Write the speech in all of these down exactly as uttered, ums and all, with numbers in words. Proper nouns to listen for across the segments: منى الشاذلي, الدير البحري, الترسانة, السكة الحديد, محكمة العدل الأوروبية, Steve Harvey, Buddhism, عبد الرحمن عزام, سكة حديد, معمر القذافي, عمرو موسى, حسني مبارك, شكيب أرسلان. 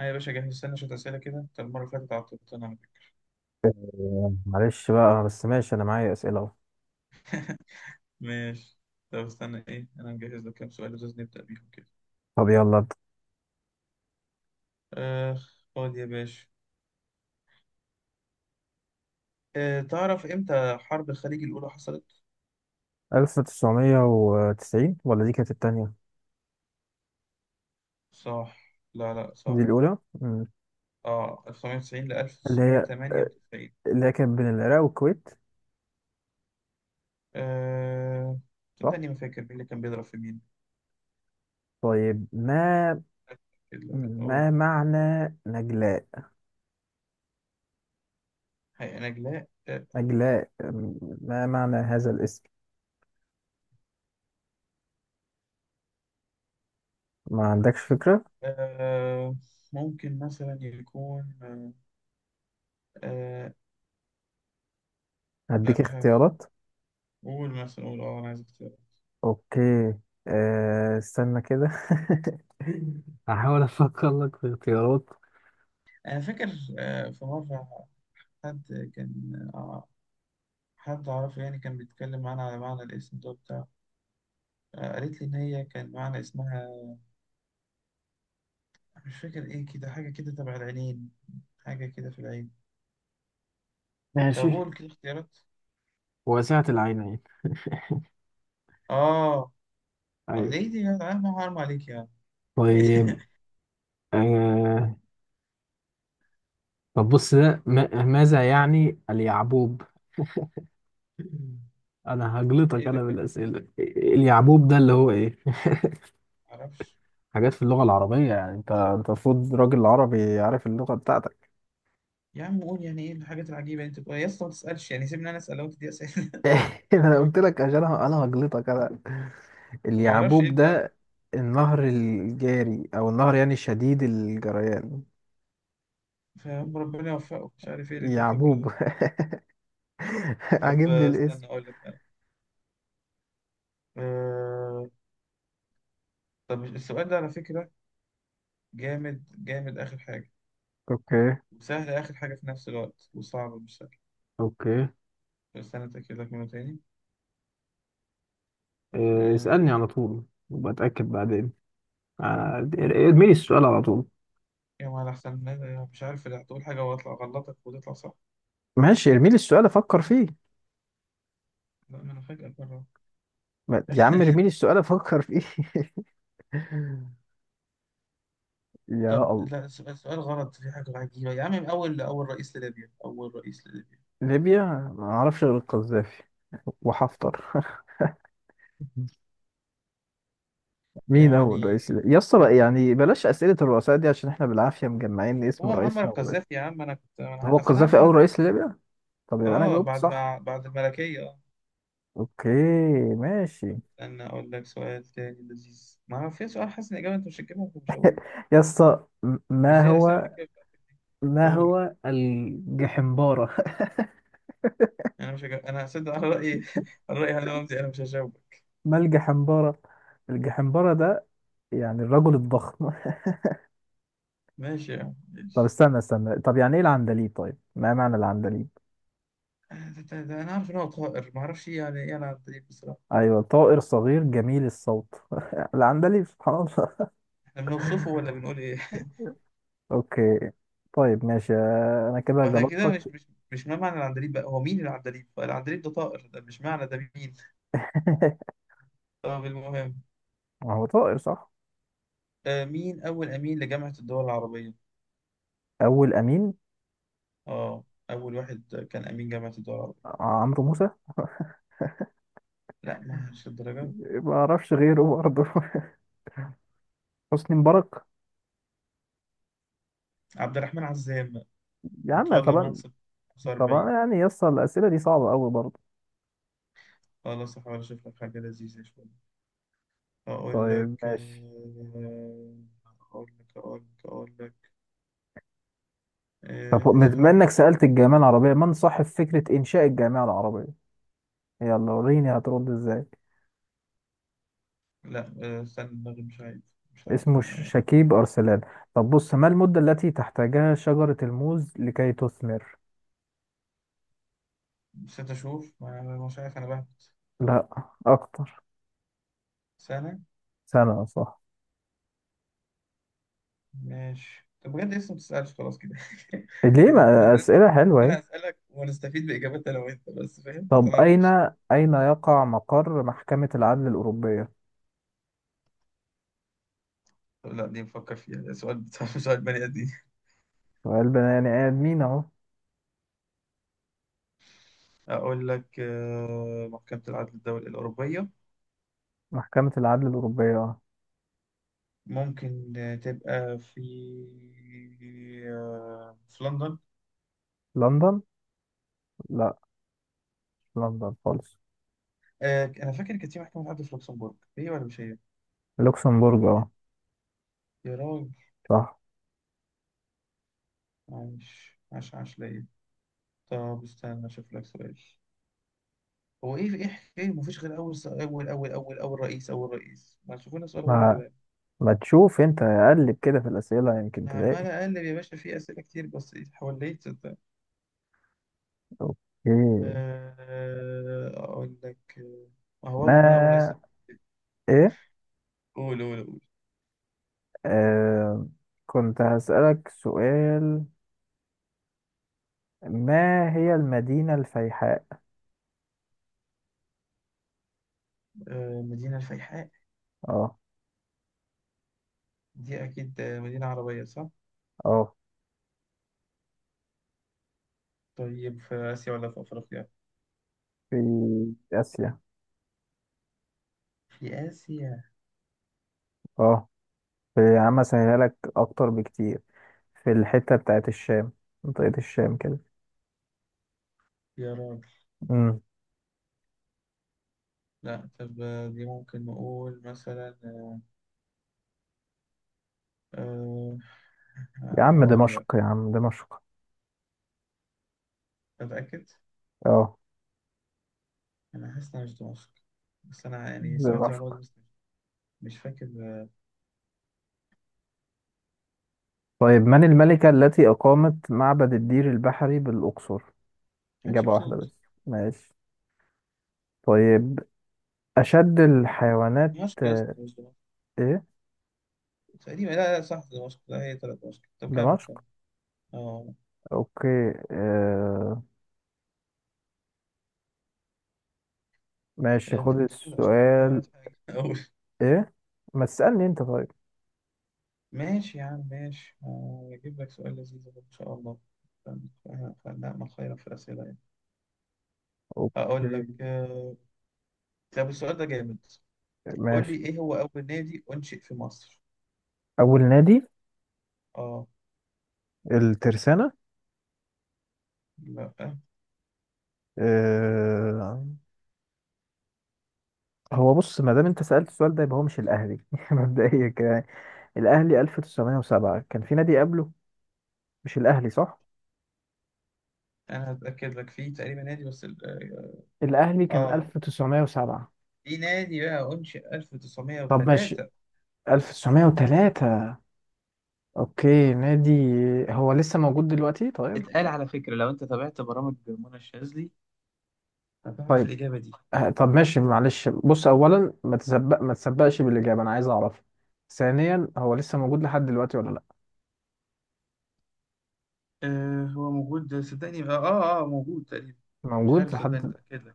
أيوة يا باشا، جهز، استنى شوية أسئلة كده. طب المرة اللي فاتت عطلت أنا. آه، معلش بقى، بس ماشي، انا معايا اسئله اهو. ماشي. طب استنى إيه؟ أنا مجهز لك كام سؤال لازم نبدأ بيهم كده. طب يلا ابدا. آخ، خد يا باشا. آه تعرف إمتى حرب الخليج الأولى حصلت؟ ألف وتسعمية وتسعين، ولا دي كانت التانية؟ صح. لا لا دي صح. الاولى. مم. آه ألف وتسعمية وتسعين ل اللي هي آه، ألف وتسعمية وتمنية وتسعين. اللي هي كانت بين العراق والكويت. آه صح. صدقني ما فاكر مين اللي كان بيضرب في مين. طيب، ما أتأكد لك أقول. ما معنى نجلاء؟ حقيقة نجلاء آه نجلاء، آم، ما معنى هذا الاسم؟ ما عندكش فكره. آه، ممكن مثلا يكون آه آه، لا هديك مش عارف. اختيارات. قول مثلا، قول اه انا عايز اختيار. اوكي. أه استنى كده هحاول افكر لك في اختيارات. أنا فاكر آه، في مرة حد كان، آه، حد أعرفه يعني كان بيتكلم معانا على معنى الاسم ده بتاع. قالت لي إن هي كان معنى اسمها مش فاكر إيه، كده حاجة كده تبع العينين، حاجة كده في العين. ماشي. طب قول كده اختيارات. واسعة العينين. آه آه، ايوه. إيه دي يا عم؟ حرام عليك يا عم! إيه ده؟ طيب. آه... طب بص ده، ما... ماذا يعني اليعبوب؟ أنا هجلطك إيه ده أنا كان؟ بالأسئلة. اليعبوب ده اللي هو إيه؟ معرفش. حاجات في اللغة العربية، يعني أنت أنت المفروض راجل عربي عارف اللغة بتاعتك. يا عم قول يعني إيه الحاجات العجيبة اللي أنت بتقولها يا اسطى؟ ما تسألش يعني، سيبني أنا أسأل. لو أنت دي أسئلة! أنا قلت لك عشان أنا أنا هجلطك أنا. معرفش إيه اليعبوب البتاع ده. ده النهر الجاري، أو النهر يعني شديد الجريان. فاهم، ربنا يوفقه، مش عارف إيه اللي أنت بتعمله يعبوب ده. طب عاجبني آه، الاسم. استنى أقول لك أنا. آه، طب السؤال ده على فكرة جامد جامد، آخر حاجة، اوكي. وسهل آخر حاجة في نفس الوقت، وصعب مش سهل. اوكي. بس أنا أتأكد لك منه تاني. آه، اسألني آه. على طول وبتأكد بعدين. آه، ارمي لي السؤال على طول. يا ما أحسن مش عارف، لا تقول حاجة وأطلع أغلطك وتطلع صح. ماشي، ارمي لي السؤال افكر فيه. لا، ما أنا فجأة بره. ما- يا عم ارمي لي السؤال افكر فيه يا طب، الله. لا السؤال سؤال غلط في حاجة عجيبة يا عم. من أول أول رئيس لليبيا أول رئيس لليبيا؟ ليبيا. ما اعرفش غير القذافي وحفتر مين اول يعني رئيس ليبيا؟ يا اسطى، إجابتك يعني بلاش اسئله الرؤساء دي، عشان احنا بالعافيه مجمعين اسم هو معمر رئيسنا وبس. القذافي يا عم. أنا كنت أنا هو ع- أصل أنا القذافي عارف اول إنك. رئيس ليبيا؟ طب يبقى انا آه، جاوبت بعد صح. ما بعد الملكية. اوكي. ماشي. استنى أقول لك سؤال تاني لذيذ. ما أنا في سؤال حاسس إن الإجابة أنت مش هتجيبها، فمش هقول. يا اسطى م- مش ما زي الأسئلة اللي هو حكيتها بتاعتك دي. ما قول. هو الجحمبارة؟ أنا مش هجيب. أنا هصدق على رأيي، على رأيي أنا رمزي أنا مش هجاوبك. ما الجحمبارة؟ الجحمبارة ده يعني الرجل الضخم. ماشي يا عم طب ماشي. استنى استنى، طب يعني ايه العندليب؟ طيب ما معنى العندليب؟ آه، ده- ده- ده أنا عارف إن هو طائر، ما أعرفش إيه يعني إيه العندليب بصراحة. ايوه، طائر صغير جميل الصوت العندليب، سبحان الله. إحنا بنوصفه ولا بنقول إيه؟ اوكي. طيب ماشي، انا كده وإحنا كده مش غلطتك. مش مش ما معنى العندليب بقى. هو مين العندليب؟ العندليب ده طائر، ده مش معنى، ده مين. طب المهم، ما هو طائر، صح. آه، مين أول أمين لجامعة الدول العربية؟ اول امين. آه، أول واحد كان أمين جامعة الدول العربية. عمرو موسى. لا، ما مش الدرجة. ما اعرفش غيره برضه. حسني مبارك. عبد الرحمن عزام، يا عم تولى طبعا. المنصب طبعا، خمسة وأربعين. يعني يسطا الاسئله دي صعبه قوي برضه. خلاص أحاول أشوف لك حاجة لذيذة شوية، أقول طيب لك ماشي. آه، أقول لك أقول لك أقول لك طب آه، بما راح- انك سالت الجامعه العربيه، من صاحب فكره انشاء الجامعه العربيه؟ يلا وريني هترد ازاي. لا آه، استنى دماغي مش عارف، مش عارف اسمه ش- أنا. شكيب أرسلان. طب بص، ما المدة التي تحتاجها شجرة الموز لكي تثمر؟ نسيت أشوف، ما- مش عارف أنا بهبت. لا، أكتر. سنة. سنة، صح. ماشي. طب بجد لسه ما بتسألش خلاص كده ليه؟ ما يعني. أسئلة حلوة اهي. أنا هسألك ونستفيد بإجابات أنا وأنت بس، فاهم؟ ما طب أين، طلعتش. أين يقع مقر محكمة العدل الأوروبية؟ لا، دي نفكر فيها. ده سؤال، سؤال بني آدم. سؤال بني يعني آدمين أهو. أقول لك آه، محكمة العدل الدولي الأوروبية محكمة العدل الأوروبية، أه. ممكن آه، تبقى في، آه، في لندن. لندن. لا، مش لندن خالص. آه، أنا فاكر كانت في محكمة عدل في لوكسمبورغ، هي ولا مش هي؟ لوكسمبورج أه. يا راجل، صح. عايش! عاش عاش ليا. طب استنى أشوف لك سؤال. هو إيه إيه حكاية مفيش غير أول س- أول أول أول أول رئيس، أول رئيس ما تشوفونا سؤال غير ما كده؟ ما تشوف أنت، قلب كده في الأسئلة يمكن أنا عمال تلاقي. أقلب يا باشا في أسئلة كتير بس، حوليت صدق. أوكي. آه، أقول لك، آه، ما هو ما. برضه من أول رئيس. إيه. قول قول آه، كنت هسألك سؤال. ما هي المدينة الفيحاء؟ آه، مدينة الفيحاء، اه. دي أكيد آه، مدينة عربية صح؟ اه. طيب في آسيا ولا في أفريقيا؟ في آسيا. في آسيا. اه. في، يا عم، أسهلها لك أكتر بكتير. في الحتة بتاعت الشام، منطقة الشام كده. يا راجل. امم لا طب آه، دي ممكن نقول مثلا أه، يا آه، عم أقول دمشق، لك. يا عم دمشق. أتأكد. اه. أنا حاسس إنها مش دمشق، بس أنا يعني سمعت دمشق. المعلومة دي بس، مش فاكر آه، طيب، من الملكة التي أقامت معبد الدير البحري بالأقصر؟ إجابة واحدة حتشبسوت. بس. ماشي. طيب. أشد الحيوانات. دمشق يا آه، اسطى مش دمشق إيه. تقريبا، لا لا صح دمشق، لا هي طلعت دمشق. طب كمل دمشق. كمل. أه، اوكي آه. ماشي، آه، أنت خد كنت بتقول عشان بحاول السؤال. أتحاجج. ايه. ما تسألني انت طيب. ماشي يا عم ماشي. هجيب لك سؤال لذيذ أهو إن شاء الله. ف- ف- فنعمل خيرا في الأسئلة يعني. هقول لك اوكي. آه، طب السؤال ده جامد. قول لي ماشي. إيه هو أول نادي أنشئ في مصر؟ اول نادي. آه. الترسانة. لا. آه. هو بص، ما دام انت سألت السؤال ده يبقى هو مش الاهلي مبدئيا كده يعني. الاهلي ألف وتسعمية وسبعة، كان في نادي قبله مش الاهلي صح. أنا هتأكد لك، فيه تقريبا نادي بس ال- الاهلي آه كان آه، ألف وتسعمية وسبعة. في نادي بقى أنشئ طب ماشي ألف وتسعمية وتلاتة. ألف وتسعمية وتلاتة. اوكي، نادي. هو لسه موجود دلوقتي؟ طيب. اتقال على فكرة لو أنت تابعت برامج منى الشاذلي هتعرف طيب. الإجابة دي. آه. طب ماشي معلش، بص، اولا، ما تسبق ما تسبقش بالاجابه، انا عايز اعرف. ثانيا، هو لسه موجود لحد دلوقتي ولا لا؟ آه هو موجود صدقني، آه آه آه، موجود تقريبا. مش موجود عارف صدقني لحد. أتأكد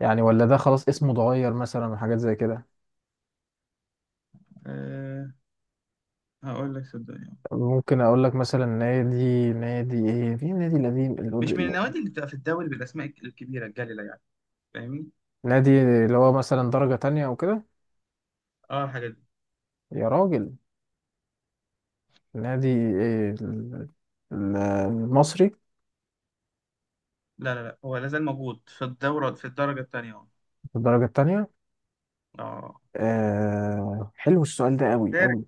يعني، ولا ده خلاص اسمه اتغير مثلا من حاجات زي كده؟ لك، هقول لك صدقني. ممكن اقول لك مثلا، نادي نادي ايه في نادي القديم. مش من الأد- النوادي اللي بتبقى في الدوري بالاسماء الكبيره الجليله يعني، فاهمني؟ نادي اللي هو مثلا درجه تانية او كده. اه، الحاجات دي. يا راجل. نادي ايه ال- ال- المصري. لا لا لا هو لازال موجود في الدوره، في الدرجه الثانيه. اه. في الدرجه التانية. آه. آه، حلو السؤال ده قوي شارك قوي.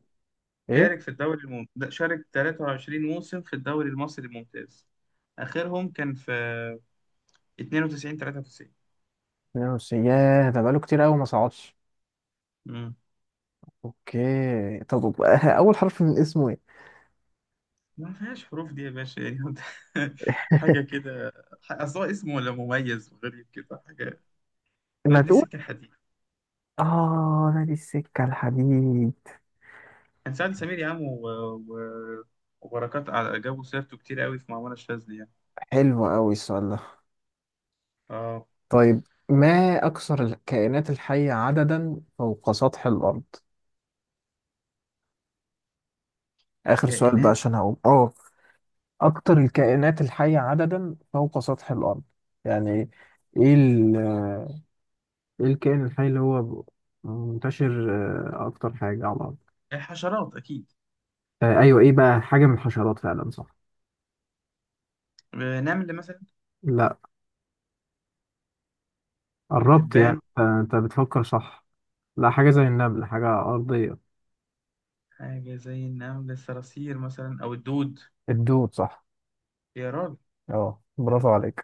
شارك ايه. في الدوري الممتاز شارك تلاتة وعشرين موسم في الدوري المصري الممتاز. اخرهم كان في اتنين وتسعين تلاتة وتسعين. اتنين وتسعين، ياه ده بقاله كتير قوي ما صعدش. امم. اوكي. طب اول حرف من اسمه ايه؟ ما فيهاش حروف دي يا باشا، يعني انت. حاجه كده. اصل هو اسمه ولا مميز وغريب كده حاجه. ما نادي تقول. سكه حديد. اه، نادي السكة الحديد. كان سعد سمير يا عم، و... و... وبركات، على جابوا سيرته كتير قوي في معمارة الشاذ دي يعني. حلو قوي السؤال ده. اه. طيب، ما اكثر الكائنات الحية عددا فوق سطح الارض؟ اخر سؤال بقى كائنات. عشان هقوم اه. اكثر الكائنات الحية عددا فوق سطح الارض، يعني. ايه ال. ايه الكائن الحي اللي هو منتشر، آه، اكتر حاجة على الارض. آه، حشرات اكيد. آه، ايوه، ايه بقى حاجة من الحشرات فعلا، صح. آه، نمل مثلا. لا. قربت يعني، دبان. آه، انت بتفكر صح. لا، حاجة زي النمل، حاجة أرضية. حاجة زي النمل، الصراصير مثلا او الدود. الدود، صح. يا راجل. اه، برافو عليك.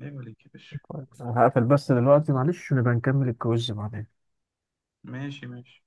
عيب عليك يا باشا. طيب، أنا هقفل بس دلوقتي، معلش، ونبقى نكمل الكويز بعدين. ماشي ماشي.